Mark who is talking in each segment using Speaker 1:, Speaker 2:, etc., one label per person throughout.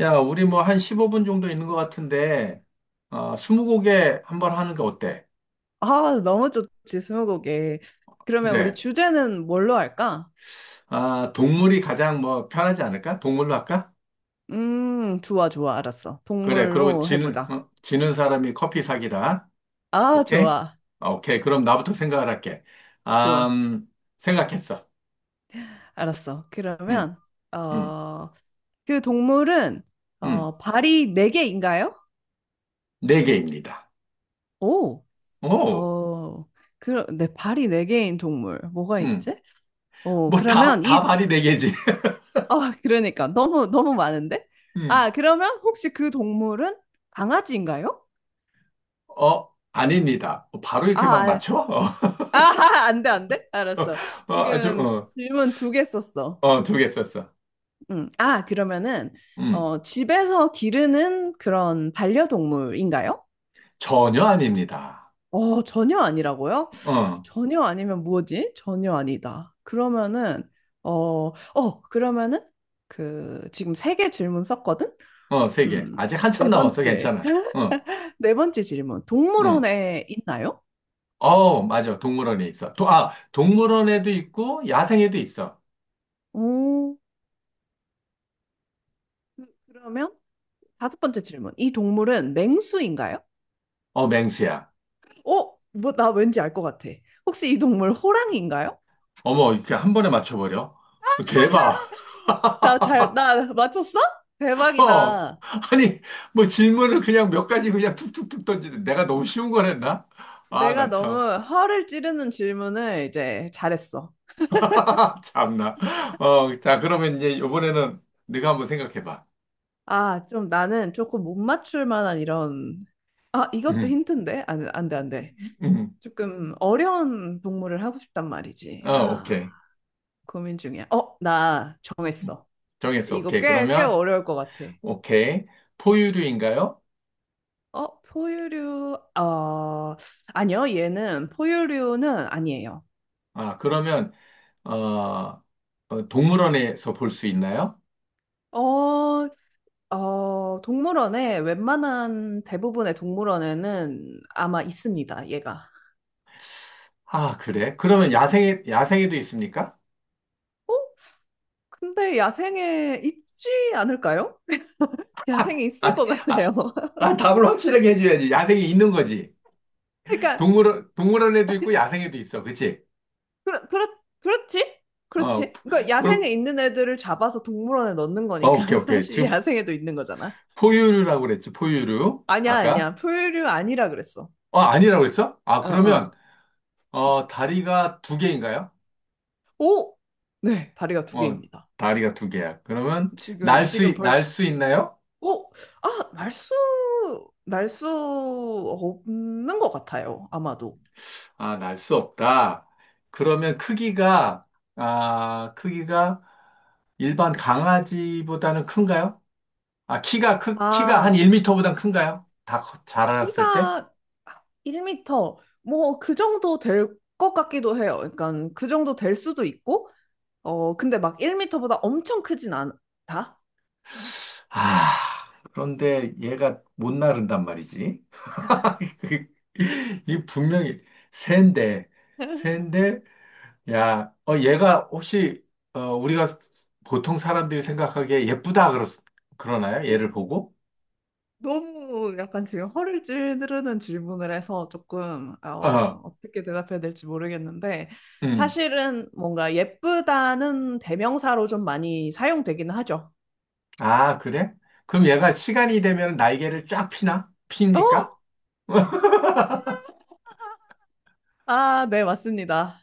Speaker 1: 야, 우리 뭐 한 15분 정도 있는 것 같은데, 스무고개 한번 하는 거 어때?
Speaker 2: 아, 너무 좋지, 스무고개. 그러면 우리
Speaker 1: 그래.
Speaker 2: 주제는 뭘로 할까?
Speaker 1: 동물이 가장 뭐 편하지 않을까? 동물로 할까?
Speaker 2: 좋아, 좋아, 알았어.
Speaker 1: 그래. 그리고
Speaker 2: 동물로
Speaker 1: 지는,
Speaker 2: 해보자.
Speaker 1: 어? 지는 사람이 커피 사기다.
Speaker 2: 아,
Speaker 1: 오케이?
Speaker 2: 좋아,
Speaker 1: 오케이. 그럼 나부터 생각을 할게. 아,
Speaker 2: 좋아,
Speaker 1: 음, 생각했어.
Speaker 2: 알았어.
Speaker 1: 음,
Speaker 2: 그러면,
Speaker 1: 음,
Speaker 2: 어, 그 동물은,
Speaker 1: 음.
Speaker 2: 어, 발이 네개인가요?
Speaker 1: 네 개입니다.
Speaker 2: 오,
Speaker 1: 오,
Speaker 2: 어, 그, 네, 발이 네개인 동물. 뭐가
Speaker 1: 음.
Speaker 2: 있지? 어,
Speaker 1: 뭐
Speaker 2: 그러면
Speaker 1: 다
Speaker 2: 이,
Speaker 1: 말이 네 개지.
Speaker 2: 어, 그러니까. 너무, 너무 많은데?
Speaker 1: 음.
Speaker 2: 아, 그러면 혹시 그 동물은 강아지인가요?
Speaker 1: 아닙니다. 바로
Speaker 2: 아,
Speaker 1: 이렇게 막
Speaker 2: 아,
Speaker 1: 맞춰?
Speaker 2: 아, 안 돼, 안 돼? 알았어.
Speaker 1: 어, 아주,
Speaker 2: 지금
Speaker 1: 어,
Speaker 2: 질문 두 개 썼어.
Speaker 1: 두 개 썼어.
Speaker 2: 음. 아, 그러면은,
Speaker 1: 음.
Speaker 2: 어, 집에서 기르는 그런 반려동물인가요?
Speaker 1: 전혀 아닙니다.
Speaker 2: 어, 전혀 아니라고요?
Speaker 1: 어,
Speaker 2: 전혀 아니면 뭐지? 전혀 아니다. 그러면은, 어, 어, 그러면은, 그, 지금 세 개 질문 썼거든?
Speaker 1: 세 개.
Speaker 2: 음,
Speaker 1: 아직
Speaker 2: 네
Speaker 1: 한참 남았어.
Speaker 2: 번째.
Speaker 1: 괜찮아.
Speaker 2: 네 번째 질문.
Speaker 1: 응.
Speaker 2: 동물원에 있나요?
Speaker 1: 맞아. 동물원에 있어. 동물원에도 있고, 야생에도 있어.
Speaker 2: 오, 그러면 다섯 번째 질문. 이 동물은 맹수인가요?
Speaker 1: 맹수야.
Speaker 2: 어? 뭐, 나 왠지 알 것 같아. 혹시 이 동물 호랑이인가요?
Speaker 1: 어머, 이렇게 한 번에 맞춰버려. 대박.
Speaker 2: 나 잘, 나 맞췄어?
Speaker 1: 어.
Speaker 2: 대박이다.
Speaker 1: 아니, 뭐 질문을 그냥 몇 가지 그냥 툭툭툭 던지는데 내가 너무 쉬운 걸 했나? 아,
Speaker 2: 내가
Speaker 1: 나
Speaker 2: 너무
Speaker 1: 참.
Speaker 2: 허를 찌르는 질문을 이제 잘했어.
Speaker 1: 참나. 자, 그러면 이제 이번에는 네가 한번 생각해봐.
Speaker 2: 아, 좀 나는 조금 못 맞출 만한 이런, 아, 이것도
Speaker 1: 응,
Speaker 2: 힌트인데? 안 돼, 안 돼.
Speaker 1: 응.
Speaker 2: 조금 어려운 동물을 하고 싶단 말이지. 아,
Speaker 1: 오케이.
Speaker 2: 고민 중이야. 어, 나
Speaker 1: 음.
Speaker 2: 정했어.
Speaker 1: 정했어.
Speaker 2: 이거
Speaker 1: 오케이.
Speaker 2: 꽤, 꽤
Speaker 1: 그러면
Speaker 2: 어려울 것 같아.
Speaker 1: 오케이. 포유류인가요?
Speaker 2: 어, 포유류, 어, 아니요, 얘는 포유류는 아니에요.
Speaker 1: 아, 그러면, 어, 동물원에서 볼 수 있나요?
Speaker 2: 어, 어, 동물원에 웬만한 대부분의 동물원에는 아마 있습니다, 얘가.
Speaker 1: 그래. 그러면 야생에도 있습니까?
Speaker 2: 어? 근데 야생에 있지 않을까요? 야생에 있을
Speaker 1: 아,
Speaker 2: 것
Speaker 1: 아,
Speaker 2: 같아요.
Speaker 1: 답을 확실하게 해줘야지. 야생에 있는 거지.
Speaker 2: 그러니까,
Speaker 1: 동물원에도 있고 야생에도 있어. 그치?
Speaker 2: 그렇, 그렇, 그렇지?
Speaker 1: 어,
Speaker 2: 그렇지? 그러니까 야생에
Speaker 1: 그럼.
Speaker 2: 있는 애들을 잡아서 동물원에 넣는 거니까
Speaker 1: 오케이, 오케이.
Speaker 2: 사실
Speaker 1: 지금
Speaker 2: 야생에도 있는 거잖아.
Speaker 1: 포유류라고 그랬지. 포유류.
Speaker 2: 아니야,
Speaker 1: 아까?
Speaker 2: 아니야. 포유류 아니라 그랬어.
Speaker 1: 아니라고 그랬어?
Speaker 2: 어, 어.
Speaker 1: 다리가 두 개인가요?
Speaker 2: 오! 네, 다리가 두
Speaker 1: 어,
Speaker 2: 개입니다.
Speaker 1: 다리가 두 개야. 그러면,
Speaker 2: 지금
Speaker 1: 날
Speaker 2: 벌써
Speaker 1: 수 있나요?
Speaker 2: 어? 아, 날 수 없는 것 같아요, 아마도.
Speaker 1: 날 수 없다. 그러면 크기가 일반 강아지보다는 큰가요? 키가 한
Speaker 2: 아,
Speaker 1: 1터보단 큰가요? 다 커- 자라났을 때?
Speaker 2: 키가 1미터, 뭐, 그 정도 될 것 같기도 해요. 그러니까, 그 정도 될 수도 있고, 어, 근데 막 1미터보다 엄청 크진 않다?
Speaker 1: 아, 그런데 얘가 못 나른단 말이지. 그- 이 분명히 새인데, 새인데, 야, 어, 얘가 혹시, 어, 우리가 보통 사람들이 생각하기에 예쁘다 그러나요?
Speaker 2: 어,
Speaker 1: 얘를 보고?
Speaker 2: 너무 약간 지금 허를 찌르는 질문을 해서 조금, 어,
Speaker 1: 어,
Speaker 2: 어떻게 대답해야 될지 모르겠는데,
Speaker 1: 음.
Speaker 2: 사실은 뭔가 예쁘다는 대명사로 좀 많이 사용되기는 하죠.
Speaker 1: 그래? 그럼 얘가 시간이 되면 날개를 쫙 피나?
Speaker 2: 어?
Speaker 1: 핍니까?
Speaker 2: 아, 네, 맞습니다.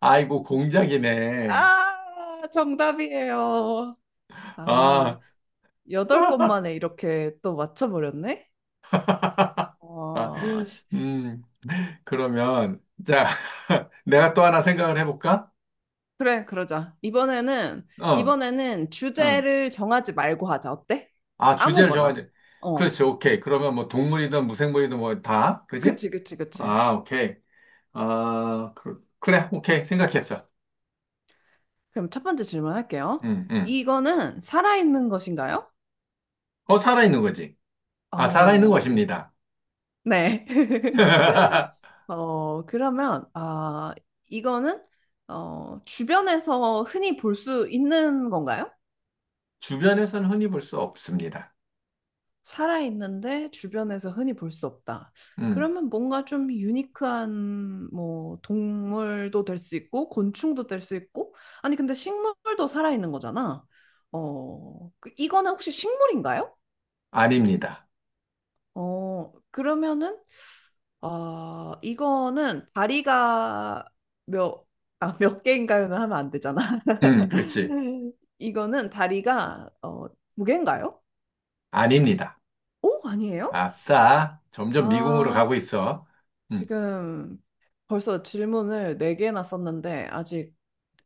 Speaker 1: 아이고, 공작이네.
Speaker 2: 아, 정답이에요. 아,
Speaker 1: 아,
Speaker 2: 여덟 번 만에 이렇게 또 맞춰버렸네?
Speaker 1: 아,
Speaker 2: 어,
Speaker 1: 음, 그러면, 자, 내가 또 하나 생각을 해볼까?
Speaker 2: 그래, 그러자. 이번에는,
Speaker 1: 어,
Speaker 2: 이번에는
Speaker 1: 어.
Speaker 2: 주제를 정하지 말고 하자. 어때?
Speaker 1: 주제를
Speaker 2: 아무거나.
Speaker 1: 정하지.
Speaker 2: 어,
Speaker 1: 그렇지, 오케이. 그러면 뭐 동물이든 무생물이든 뭐 다, 그지?
Speaker 2: 그치, 그치, 그치.
Speaker 1: 오케이. 그래, 오케이. 생각했어.
Speaker 2: 그럼 첫 번째 질문 할게요.
Speaker 1: 응, 응.
Speaker 2: 이거는 살아있는 것인가요?
Speaker 1: 살아있는 거지. 살아있는
Speaker 2: 어,
Speaker 1: 것입니다.
Speaker 2: 네. 어, 그러면, 아, 이거는, 어, 주변에서 흔히 볼 수 있는 건가요?
Speaker 1: 주변에서는 흔히 볼 수 없습니다.
Speaker 2: 살아있는데 주변에서 흔히 볼 수 없다.
Speaker 1: 음.
Speaker 2: 그러면 뭔가 좀 유니크한, 뭐, 동물도 될 수 있고, 곤충도 될 수 있고, 아니, 근데 식물도 살아있는 거잖아. 어, 이거는 혹시 식물인가요?
Speaker 1: 아닙니다.
Speaker 2: 어, 그러면은, 아, 이거는 다리가 몇, 아, 몇 개인가요는 하면 안 되잖아.
Speaker 1: 그렇지.
Speaker 2: 이거는 다리가 어, 두 개인가요?
Speaker 1: 아닙니다.
Speaker 2: 오, 아니에요?
Speaker 1: 아싸. 점점 미궁으로
Speaker 2: 아,
Speaker 1: 가고 있어. 음.
Speaker 2: 지금 벌써 질문을 네 개나 썼는데 아직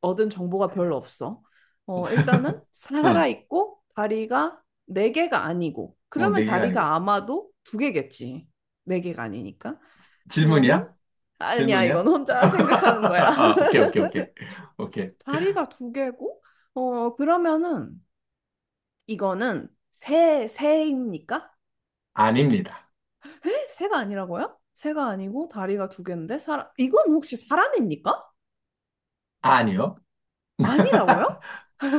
Speaker 2: 얻은 정보가 별로 없어. 어, 일단은
Speaker 1: 응.
Speaker 2: 살아있고 다리가 네 개가 아니고
Speaker 1: 네
Speaker 2: 그러면
Speaker 1: 개가 아니고.
Speaker 2: 다리가 아마도 두 개겠지. 네 개가 아니니까. 그러면
Speaker 1: 질문이야?
Speaker 2: 아니야, 이건
Speaker 1: 질문이야?
Speaker 2: 혼자 생각하는 거야.
Speaker 1: 아, 오케이, 오케이, 오케이. 오케이.
Speaker 2: 다리가 두 개고? 어, 그러면은 이거는 새, 새입니까?
Speaker 1: 아닙니다.
Speaker 2: 에? 새가 아니라고요? 새가 아니고 다리가 두 개인데 사람 이건 혹시 사람입니까?
Speaker 1: 아니요.
Speaker 2: 아니라고요?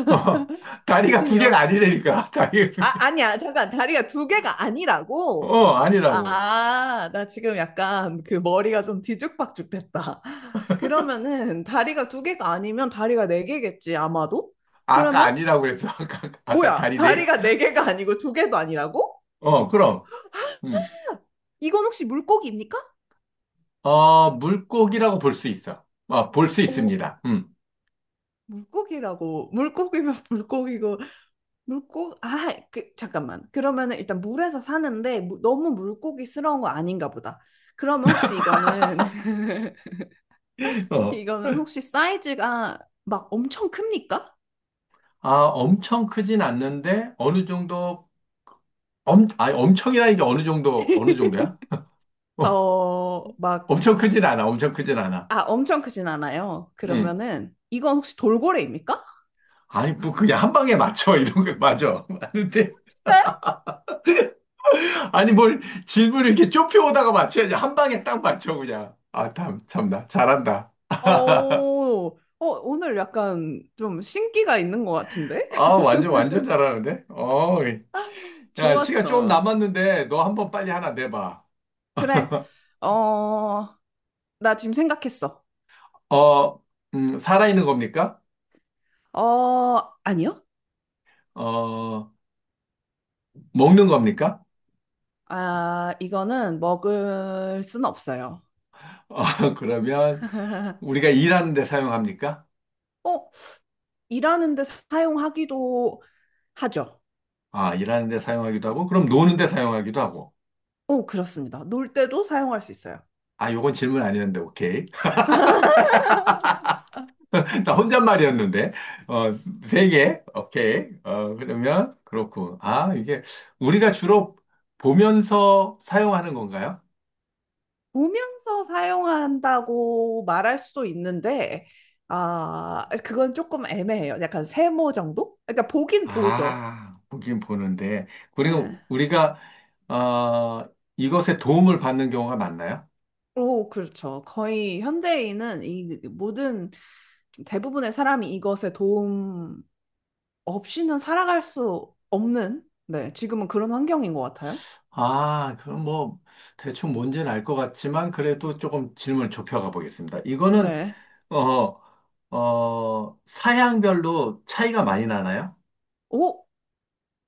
Speaker 1: 어, 다리가
Speaker 2: 지금
Speaker 1: 두
Speaker 2: 여...
Speaker 1: 개가 아니라니까. 다리가 두
Speaker 2: 아,
Speaker 1: 개.
Speaker 2: 아니야. 잠깐. 다리가 두 개가 아니라고?
Speaker 1: 아니라고.
Speaker 2: 아, 나 지금 약간 그 머리가 좀 뒤죽박죽됐다. 그러면은 다리가 두 개가 아니면 다리가 네 개겠지, 아마도?
Speaker 1: 아까
Speaker 2: 그러면
Speaker 1: 아니라고 그랬어. 아까
Speaker 2: 뭐야?
Speaker 1: 다리 네 개.
Speaker 2: 다리가 네 개가 아니고 두 개도 아니라고?
Speaker 1: 그럼. 음.
Speaker 2: 이건 혹시 물고기입니까?
Speaker 1: 물고기라고 볼 수 있어. 볼 수
Speaker 2: 어,
Speaker 1: 있습니다. 음.
Speaker 2: 물고기라고. 물고기면 물고기고, 물고, 아, 그, 잠깐만. 그러면은 일단 물에서 사는데 너무 물고기스러운 거 아닌가 보다. 그러면 혹시 이거는,
Speaker 1: 어.
Speaker 2: 이거는 혹시 사이즈가 막 엄청 큽니까?
Speaker 1: 엄청 크진 않는데 어느 정도 엄청이라 이게 어느 정도야?
Speaker 2: 어, 막,
Speaker 1: 엄청 크진 않아. 엄청 크진 않아.
Speaker 2: 아, 엄청 크진 않아요.
Speaker 1: 응.
Speaker 2: 그러면은 이건 혹시 돌고래입니까?
Speaker 1: 아니, 뭐 그냥 한 방에 맞춰 이런 거 맞아. 맞는데
Speaker 2: 네?
Speaker 1: 아니 뭘 질문을 이렇게 좁혀 오다가 맞춰야지 한 방에 딱 맞춰 그냥. 아, 참 참나 잘한다.
Speaker 2: 어, 어, 오늘 약간 좀 신기가 있는 것 같은데?
Speaker 1: 아, 완전 완전 잘하는데. 야, 시간 조금
Speaker 2: 좋았어.
Speaker 1: 남았는데 너 한번 빨리 하나 내봐.
Speaker 2: 그래. 어, 나 지금 생각했어.
Speaker 1: 어, 살아있는 겁니까?
Speaker 2: 어, 아니요?
Speaker 1: 어, 먹는 겁니까?
Speaker 2: 아, 이거는 먹을 순 없어요.
Speaker 1: 어, 그러면. 우리가 일하는 데 사용합니까?
Speaker 2: 어, 일하는데 사용하기도 하죠.
Speaker 1: 아, 일하는 데 사용하기도 하고, 그럼 노는 데 사용하기도 하고.
Speaker 2: 어, 그렇습니다. 놀 때도 사용할 수 있어요.
Speaker 1: 아, 요건 질문 아니었는데, 오케이. 나 혼잣말이었는데. 어, 세 개. 오케이. 그렇군. 아, 이게, 우리가 주로 보면서 사용하는 건가요?
Speaker 2: 보면서 사용한다고 말할 수도 있는데, 아, 그건 조금 애매해요. 약간 세모 정도? 그러니까 보긴 보죠.
Speaker 1: 아, 보긴 보는데. 그리고
Speaker 2: 예.
Speaker 1: 우리가, 어, 이것에 도움을 받는 경우가 많나요?
Speaker 2: 오, 그렇죠. 거의 현대인은 이 모든 좀 대부분의 사람이 이것에 도움 없이는 살아갈 수 없는, 네, 지금은 그런 환경인 것 같아요.
Speaker 1: 아, 그럼 뭐, 대충 뭔지는 알 것 같지만, 그래도 조금 질문을 좁혀가 보겠습니다. 이거는
Speaker 2: 네.
Speaker 1: 어, 사양별로 차이가 많이 나나요?
Speaker 2: 오,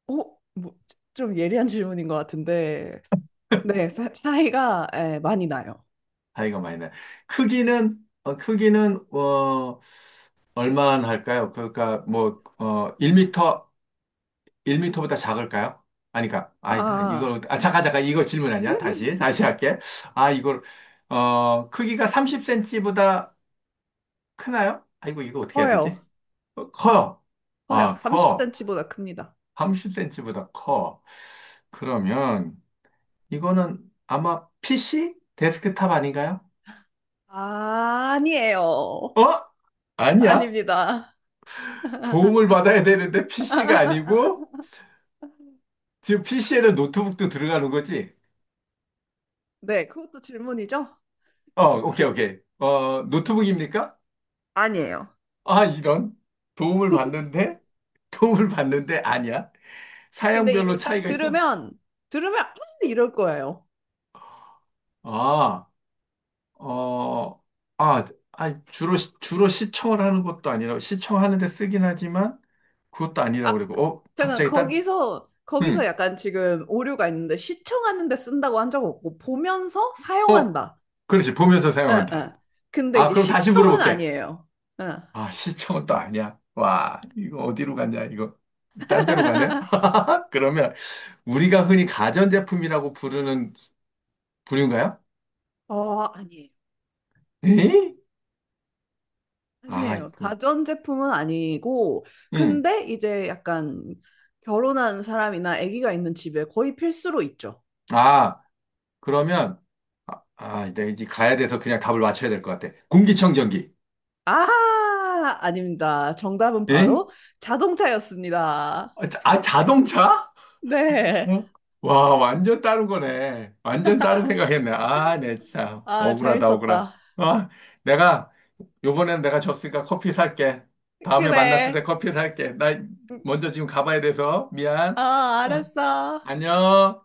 Speaker 2: 오, 뭐, 좀 예리한 질문인 것 같은데, 네, 차이가 예, 많이 나요.
Speaker 1: 차이가 많이 나요. 크기는, 얼마나 할까요? 그러니까, 뭐, 1미터, 일미터보다 작을까요? 아니까, 아니다.
Speaker 2: 아,
Speaker 1: 이걸, 아, 잠깐, 잠깐, 이거 질문 아니야? 다시 할게. 아, 이걸, 크기가 30cm보다 크나요? 아이고, 이거 어떻게 해야
Speaker 2: 커요.
Speaker 1: 되지? 커요.
Speaker 2: 커요.
Speaker 1: 커.
Speaker 2: 30cm보다 큽니다.
Speaker 1: 30cm보다 커. 그러면, 이거는 아마 PC? 데스크탑 아닌가요?
Speaker 2: 아, 아니에요.
Speaker 1: 어? 아니야.
Speaker 2: 아닙니다.
Speaker 1: 도움을 받아야 되는데 PC가 아니고 지금 PC에는 노트북도 들어가는 거지?
Speaker 2: 네, 그것도 질문이죠?
Speaker 1: 오케이, 오케이. 노트북입니까?
Speaker 2: 아니에요.
Speaker 1: 아, 이런. 도움을 받는데? 도움을 받는데 아니야.
Speaker 2: 근데
Speaker 1: 사양별로
Speaker 2: 이걸 딱
Speaker 1: 차이가 있어.
Speaker 2: 들으면, 들으면, 아, 이럴 거예요.
Speaker 1: 아, 어, 아, 주로 시청을 하는 것도 아니라, 시청하는데 쓰긴 하지만, 그것도
Speaker 2: 아,
Speaker 1: 아니라고 그러고,
Speaker 2: 잠깐
Speaker 1: 갑자기 딴,
Speaker 2: 거기서
Speaker 1: 음,
Speaker 2: 약간 지금 오류가 있는데 시청하는 데 쓴다고 한 적 없고 보면서
Speaker 1: 어,
Speaker 2: 사용한다.
Speaker 1: 그렇지, 보면서
Speaker 2: 응,
Speaker 1: 사용한다.
Speaker 2: 응. 근데 이게
Speaker 1: 그럼 다시
Speaker 2: 시청은
Speaker 1: 물어볼게.
Speaker 2: 아니에요. 응.
Speaker 1: 시청은 또 아니야. 와, 이거 어디로 가냐, 이거. 딴 데로 가네? 그러면 우리가 흔히 가전제품이라고 부르는 부류인가요?
Speaker 2: 어, 아니에요.
Speaker 1: 에이? 아,
Speaker 2: 아니에요.
Speaker 1: 이거.
Speaker 2: 가전제품은 아니고
Speaker 1: 응.
Speaker 2: 근데 이제 약간 결혼한 사람이나 아기가 있는 집에 거의 필수로 있죠.
Speaker 1: 아, 그러면, 내가 이제 가야 돼서 그냥 답을 맞춰야 될 것 같아. 공기청정기.
Speaker 2: 아, 아닙니다. 정답은
Speaker 1: 에이?
Speaker 2: 바로 자동차였습니다.
Speaker 1: 자동차?
Speaker 2: 네.
Speaker 1: 어? 와, 완전 다른 거네. 완전 다른 생각했네. 아, 내 참.
Speaker 2: 아,
Speaker 1: 억울하다, 억울하.
Speaker 2: 재밌었다.
Speaker 1: 아, 내가 요번엔 내가 졌으니까 커피 살게. 다음에 만났을
Speaker 2: 그래.
Speaker 1: 때 커피 살게. 나 먼저 지금 가봐야 돼서
Speaker 2: 어,
Speaker 1: 미안. 어,
Speaker 2: 알았어.
Speaker 1: 안녕.